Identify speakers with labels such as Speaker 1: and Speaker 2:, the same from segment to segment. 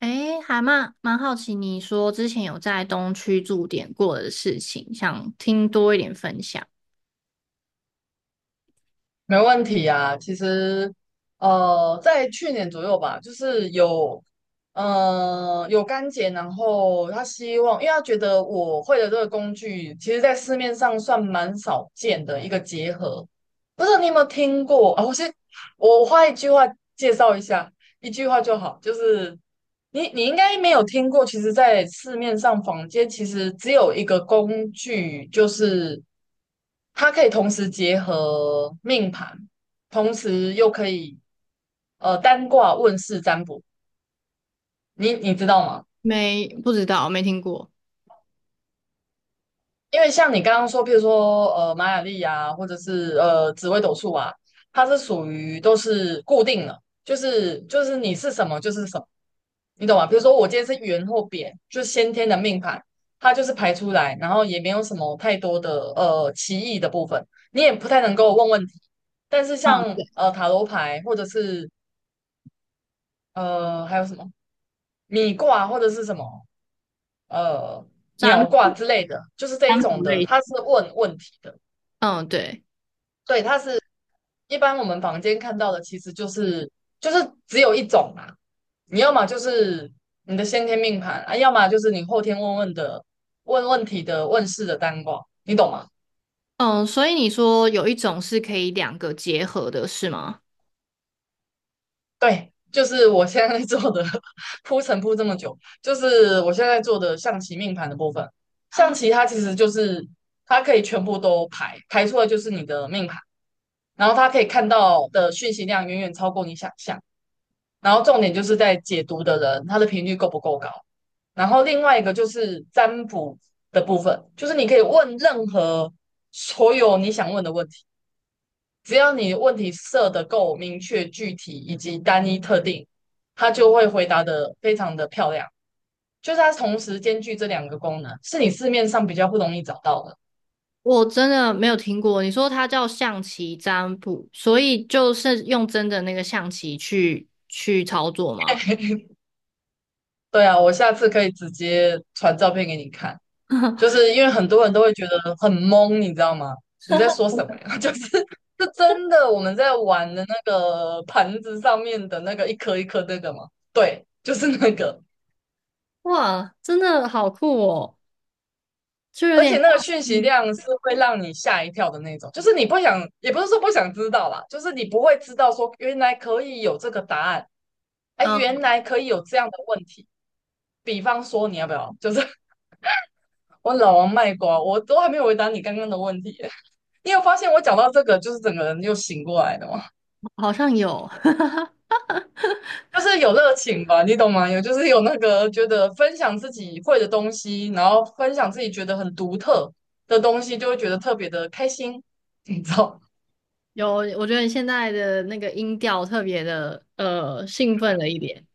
Speaker 1: 诶，还蛮好奇，你说之前有在东区驻点过的事情，想听多一点分享。
Speaker 2: 没问题啊，其实，在去年左右吧，就是有，有干姐，然后她希望，因为她觉得我会的这个工具，其实在市面上算蛮少见的一个结合。不知道你有没有听过啊？我先，我花一句话介绍一下，一句话就好，就是你应该没有听过，其实，在市面上坊间其实只有一个工具，就是它可以同时结合命盘，同时又可以单卦问世占卜。你知道吗？
Speaker 1: 没，不知道，没听过。
Speaker 2: 因为像你刚刚说，譬如说玛雅历啊，或者是紫微斗数啊，它是属于都是固定的，就是你是什么就是什么，你懂吗？比如说我今天是圆或扁，就是先天的命盘，它就是排出来，然后也没有什么太多的歧义的部分，你也不太能够问问题。但是
Speaker 1: 嗯，
Speaker 2: 像
Speaker 1: 对，
Speaker 2: 塔罗牌或者是还有什么米卦或者是什么呃
Speaker 1: 占
Speaker 2: 鸟卦
Speaker 1: 卜
Speaker 2: 之类的，就是这
Speaker 1: 占
Speaker 2: 一
Speaker 1: 卜
Speaker 2: 种的，
Speaker 1: 类
Speaker 2: 它
Speaker 1: 型。
Speaker 2: 是问问题的。
Speaker 1: 嗯，对，
Speaker 2: 对，它是一般我们房间看到的，其实就是只有一种嘛。你要么就是你的先天命盘啊，要么就是你后天问问的问世的单卦，你懂吗？
Speaker 1: 嗯，所以你说有一种是可以两个结合的，是吗？
Speaker 2: 对，就是我现在在做的 铺陈铺这么久，就是我现在在做的象棋命盘的部分。象棋它其实就是它可以全部都排出来，就是你的命盘，然后它可以看到的讯息量远远超过你想象。然后重点就是在解读的人，他的频率够不够高。然后另外一个就是占卜的部分，就是你可以问任何所有你想问的问题，只要你问题设的够明确、具体以及单一特定，他就会回答的非常的漂亮。就是它同时兼具这两个功能，是你市面上比较不容易找到的。
Speaker 1: 我真的没有听过。你说它叫象棋占卜，所以就是用真的那个象棋去操作吗？
Speaker 2: 对啊，我下次可以直接传照片给你看。就是因为很多人都会觉得很懵，你知道吗？你在说 什么呀？就是是真的我们在玩的那个盘子上面的那个一颗一颗那个吗？对，就是那个，
Speaker 1: 哇，真的好酷哦，就有
Speaker 2: 而
Speaker 1: 点
Speaker 2: 且
Speaker 1: 像，
Speaker 2: 那个讯息
Speaker 1: 嗯
Speaker 2: 量是会让你吓一跳的那种，就是你不想，也不是说不想知道啦，就是你不会知道说原来可以有这个答案，哎，原来可以有这样的问题。比方说，你要不要？就是 我老王卖瓜，我都还没有回答你刚刚的问题。你有发现我讲到这个，就是整个人又醒过来的吗？
Speaker 1: 好像有，
Speaker 2: 就是有热情吧，你懂吗？有就是有那个觉得分享自己会的东西，然后分享自己觉得很独特的东西，就会觉得特别的开心，你知道？
Speaker 1: 有，我觉得你现在的那个音调特别的兴奋了一点。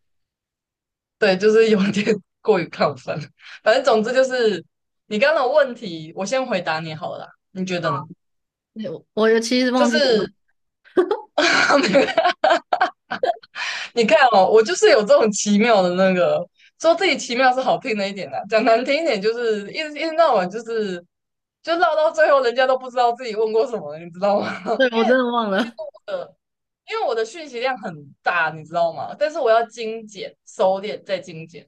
Speaker 2: 对，就是有点 过于亢奋。反正总之就是你刚刚的问题，我先回答你好了啦你觉得呢？
Speaker 1: 对我其实
Speaker 2: 就
Speaker 1: 忘记
Speaker 2: 是
Speaker 1: 了，
Speaker 2: 你看哦，我就是有这种奇妙的那个，说自己奇妙是好听的一点的，讲难听一点就是一直闹完，就是就闹到最后，人家都不知道自己问过什么了，你知道吗？
Speaker 1: 对，
Speaker 2: 因
Speaker 1: 我真
Speaker 2: 为
Speaker 1: 的忘
Speaker 2: 其实
Speaker 1: 了。
Speaker 2: 我的，因为我的讯息量很大，你知道吗？但是我要精简、收敛再精简，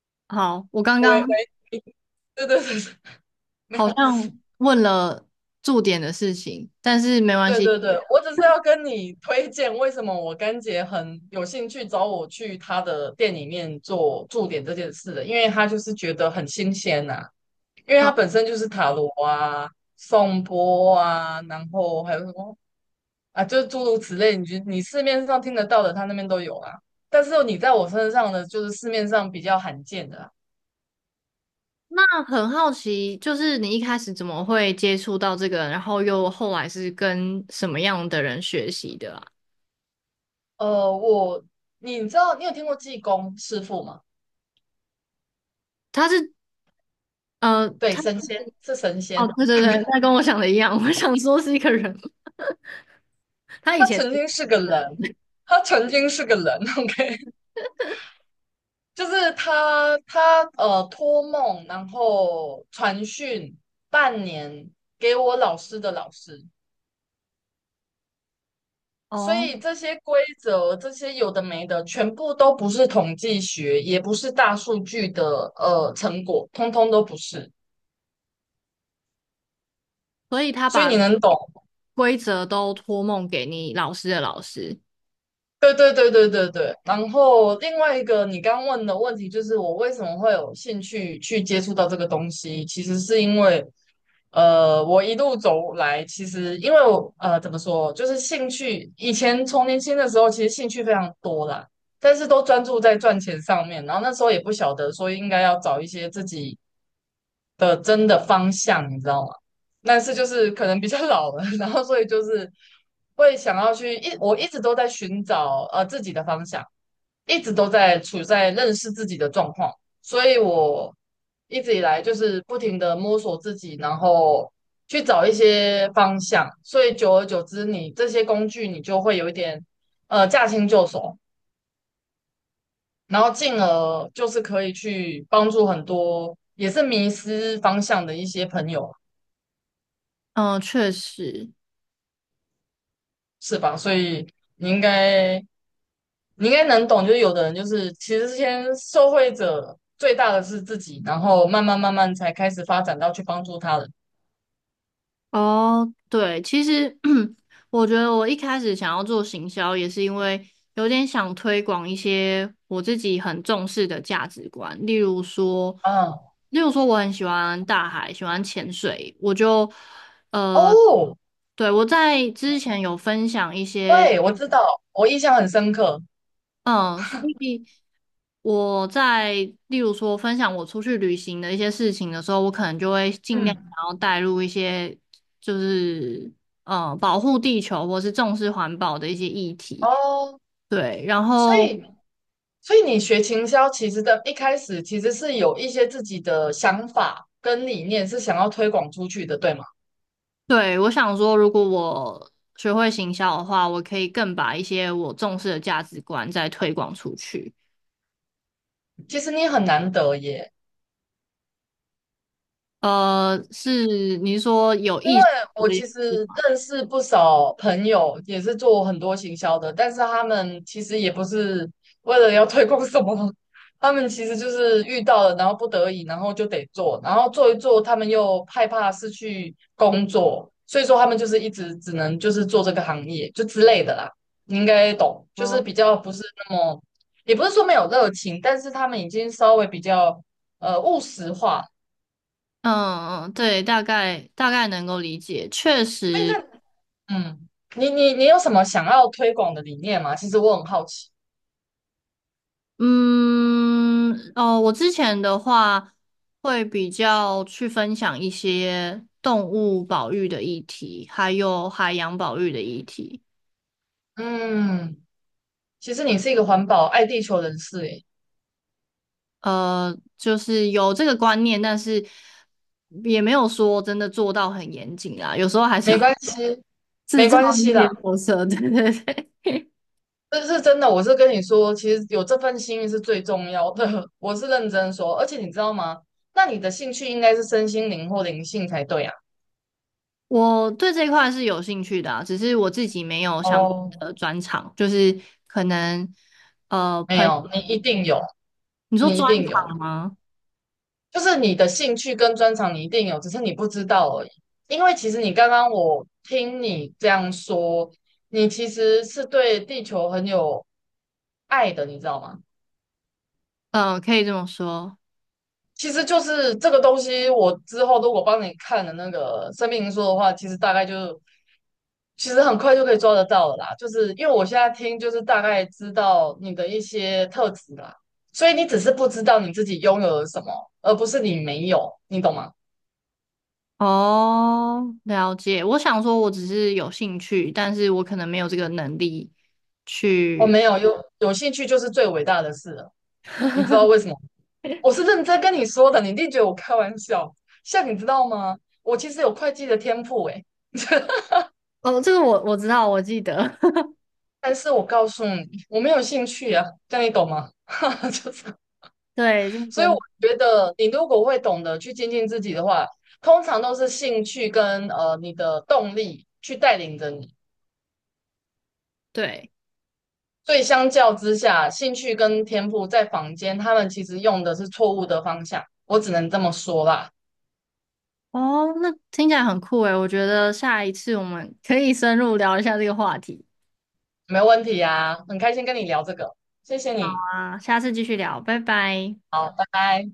Speaker 1: 好，我刚
Speaker 2: 喂
Speaker 1: 刚
Speaker 2: 喂，对对对，对没
Speaker 1: 好
Speaker 2: 有，
Speaker 1: 像问了驻点的事情，但是没关
Speaker 2: 对
Speaker 1: 系。
Speaker 2: 对对，我只是要跟你推荐为什么我干姐很有兴趣找我去她的店里面做驻点这件事的，因为她就是觉得很新鲜呐、因为它
Speaker 1: 哦，
Speaker 2: 本身就是塔罗啊、颂钵啊，然后还有什么啊，就是诸如此类，你就你市面上听得到的，他那边都有啊。但是你在我身上的，就是市面上比较罕见的啊
Speaker 1: 那很好奇，就是你一开始怎么会接触到这个，然后又后来是跟什么样的人学习的啊？
Speaker 2: 我你知道你有听过济公师傅吗？
Speaker 1: 他是
Speaker 2: 对，
Speaker 1: 他
Speaker 2: 神仙是神
Speaker 1: 哦，
Speaker 2: 仙，
Speaker 1: 对对对，他跟我想的一样，我想说是一个人，他以
Speaker 2: 他
Speaker 1: 前。
Speaker 2: 曾经是个人，他曾经是个人，OK，就是他托梦，然后传讯半年给我老师的老师。所
Speaker 1: 哦，
Speaker 2: 以这些规则，这些有的没的，全部都不是统计学，也不是大数据的成果，通通都不是。
Speaker 1: 所以他
Speaker 2: 所以
Speaker 1: 把
Speaker 2: 你能懂？
Speaker 1: 规则都托梦给你老师的老师。
Speaker 2: 对对对对对对，然后另外一个你刚问的问题就是我为什么会有兴趣去接触到这个东西，其实是因为，我一路走来，其实因为我怎么说，就是兴趣，以前从年轻的时候其实兴趣非常多啦，但是都专注在赚钱上面，然后那时候也不晓得说应该要找一些自己。的真的方向，你知道吗？但是就是可能比较老了，然后所以就是会想要去一，我一直都在寻找自己的方向，一直都在处在认识自己的状况，所以我一直以来就是不停的摸索自己，然后去找一些方向，所以久而久之你，这些工具你就会有一点驾轻就熟，然后进而就是可以去帮助很多也是迷失方向的一些朋友。
Speaker 1: 嗯，确实。
Speaker 2: 是吧？所以你应该你应该能懂，就是有的人就是其实先受惠者最大的是自己，然后慢慢慢慢才开始发展到去帮助他人。
Speaker 1: 哦，对，其实 我觉得我一开始想要做行销，也是因为有点想推广一些我自己很重视的价值观，例如说，
Speaker 2: 嗯，
Speaker 1: 例如说我很喜欢大海，喜欢潜水，我就呃，
Speaker 2: 哦，
Speaker 1: 对，我在之前有分享一些
Speaker 2: 对，我知道，我印象很深刻。
Speaker 1: 嗯，所以我在例如说分享我出去旅行的一些事情的时候，我可能就会尽量
Speaker 2: 嗯，
Speaker 1: 想要带入一些就是嗯，保护地球或是重视环保的一些议题。
Speaker 2: 哦，
Speaker 1: 对，然
Speaker 2: 所
Speaker 1: 后
Speaker 2: 以所以你学行销，其实的一开始其实是有一些自己的想法跟理念是想要推广出去的，对吗？
Speaker 1: 对我想说，如果我学会行销的话，我可以更把一些我重视的价值观再推广出去。
Speaker 2: 其实你很难得耶。
Speaker 1: 是你是说有意识
Speaker 2: 我
Speaker 1: 的？
Speaker 2: 其实认识不少朋友，也是做很多行销的，但是他们其实也不是为了要推广什么，他们其实就是遇到了，然后不得已，然后就得做，然后做一做，他们又害怕失去工作，所以说他们就是一直只能就是做这个行业就之类的啦，你应该懂，就是比较不是那么，也不是说没有热情，但是他们已经稍微比较务实化。
Speaker 1: 嗯嗯，对，大概能够理解，确
Speaker 2: 哎，
Speaker 1: 实，
Speaker 2: 那嗯，你有什么想要推广的理念吗？其实我很好奇。
Speaker 1: 嗯，哦，我之前的话会比较去分享一些动物保育的议题，还有海洋保育的议题，
Speaker 2: 嗯，其实你是一个环保爱地球人士，诶，
Speaker 1: 就是有这个观念，但是也没有说真的做到很严谨啦，有时候还是
Speaker 2: 没
Speaker 1: 会
Speaker 2: 关系，
Speaker 1: 制
Speaker 2: 没
Speaker 1: 造
Speaker 2: 关
Speaker 1: 一
Speaker 2: 系
Speaker 1: 些
Speaker 2: 啦，
Speaker 1: 破色，对对对。
Speaker 2: 这是真的。我是跟你说，其实有这份心是最重要的，我是认真说。而且你知道吗？那你的兴趣应该是身心灵或灵性才对啊。
Speaker 1: 我对这一块是有兴趣的啊只是我自己没有相关
Speaker 2: 哦，
Speaker 1: 的专长，就是可能呃，
Speaker 2: 没
Speaker 1: 朋，
Speaker 2: 有，你一定有，
Speaker 1: 你说
Speaker 2: 你一
Speaker 1: 专
Speaker 2: 定有。
Speaker 1: 长吗？
Speaker 2: 就是你的兴趣跟专长你一定有，只是你不知道而已。因为其实你刚刚我听你这样说，你其实是对地球很有爱的，你知道吗？
Speaker 1: 嗯、可以这么说。
Speaker 2: 其实就是这个东西，我之后如果帮你看了那个生命灵数的话，其实很快就可以抓得到了啦。就是因为我现在听，就是大概知道你的一些特质啦，所以你只是不知道你自己拥有了什么，而不是你没有，你懂吗？
Speaker 1: 哦，了解。我想说，我只是有兴趣，但是我可能没有这个能力
Speaker 2: 我
Speaker 1: 去。
Speaker 2: 没有，有兴趣就是最伟大的事了。你知道为什么？我是认真跟你说的，你一定觉得我开玩笑。像你知道吗？我其实有会计的天赋诶，
Speaker 1: 哦，这个我知道，我记得。
Speaker 2: 但是我告诉你，我没有兴趣啊，这样你懂吗？哈哈，就是，
Speaker 1: 对，认
Speaker 2: 所以我
Speaker 1: 真。
Speaker 2: 觉得你如果会懂得去精进自己的话，通常都是兴趣跟你的动力去带领着你。
Speaker 1: 对。
Speaker 2: 所以相较之下，兴趣跟天赋在坊间他们其实用的是错误的方向，我只能这么说啦。
Speaker 1: 哦，那听起来很酷诶，我觉得下一次我们可以深入聊一下这个话题
Speaker 2: 没问题啊，很开心跟你聊这个，谢谢你，
Speaker 1: 啊，下次继续聊，拜拜。
Speaker 2: 好，拜拜。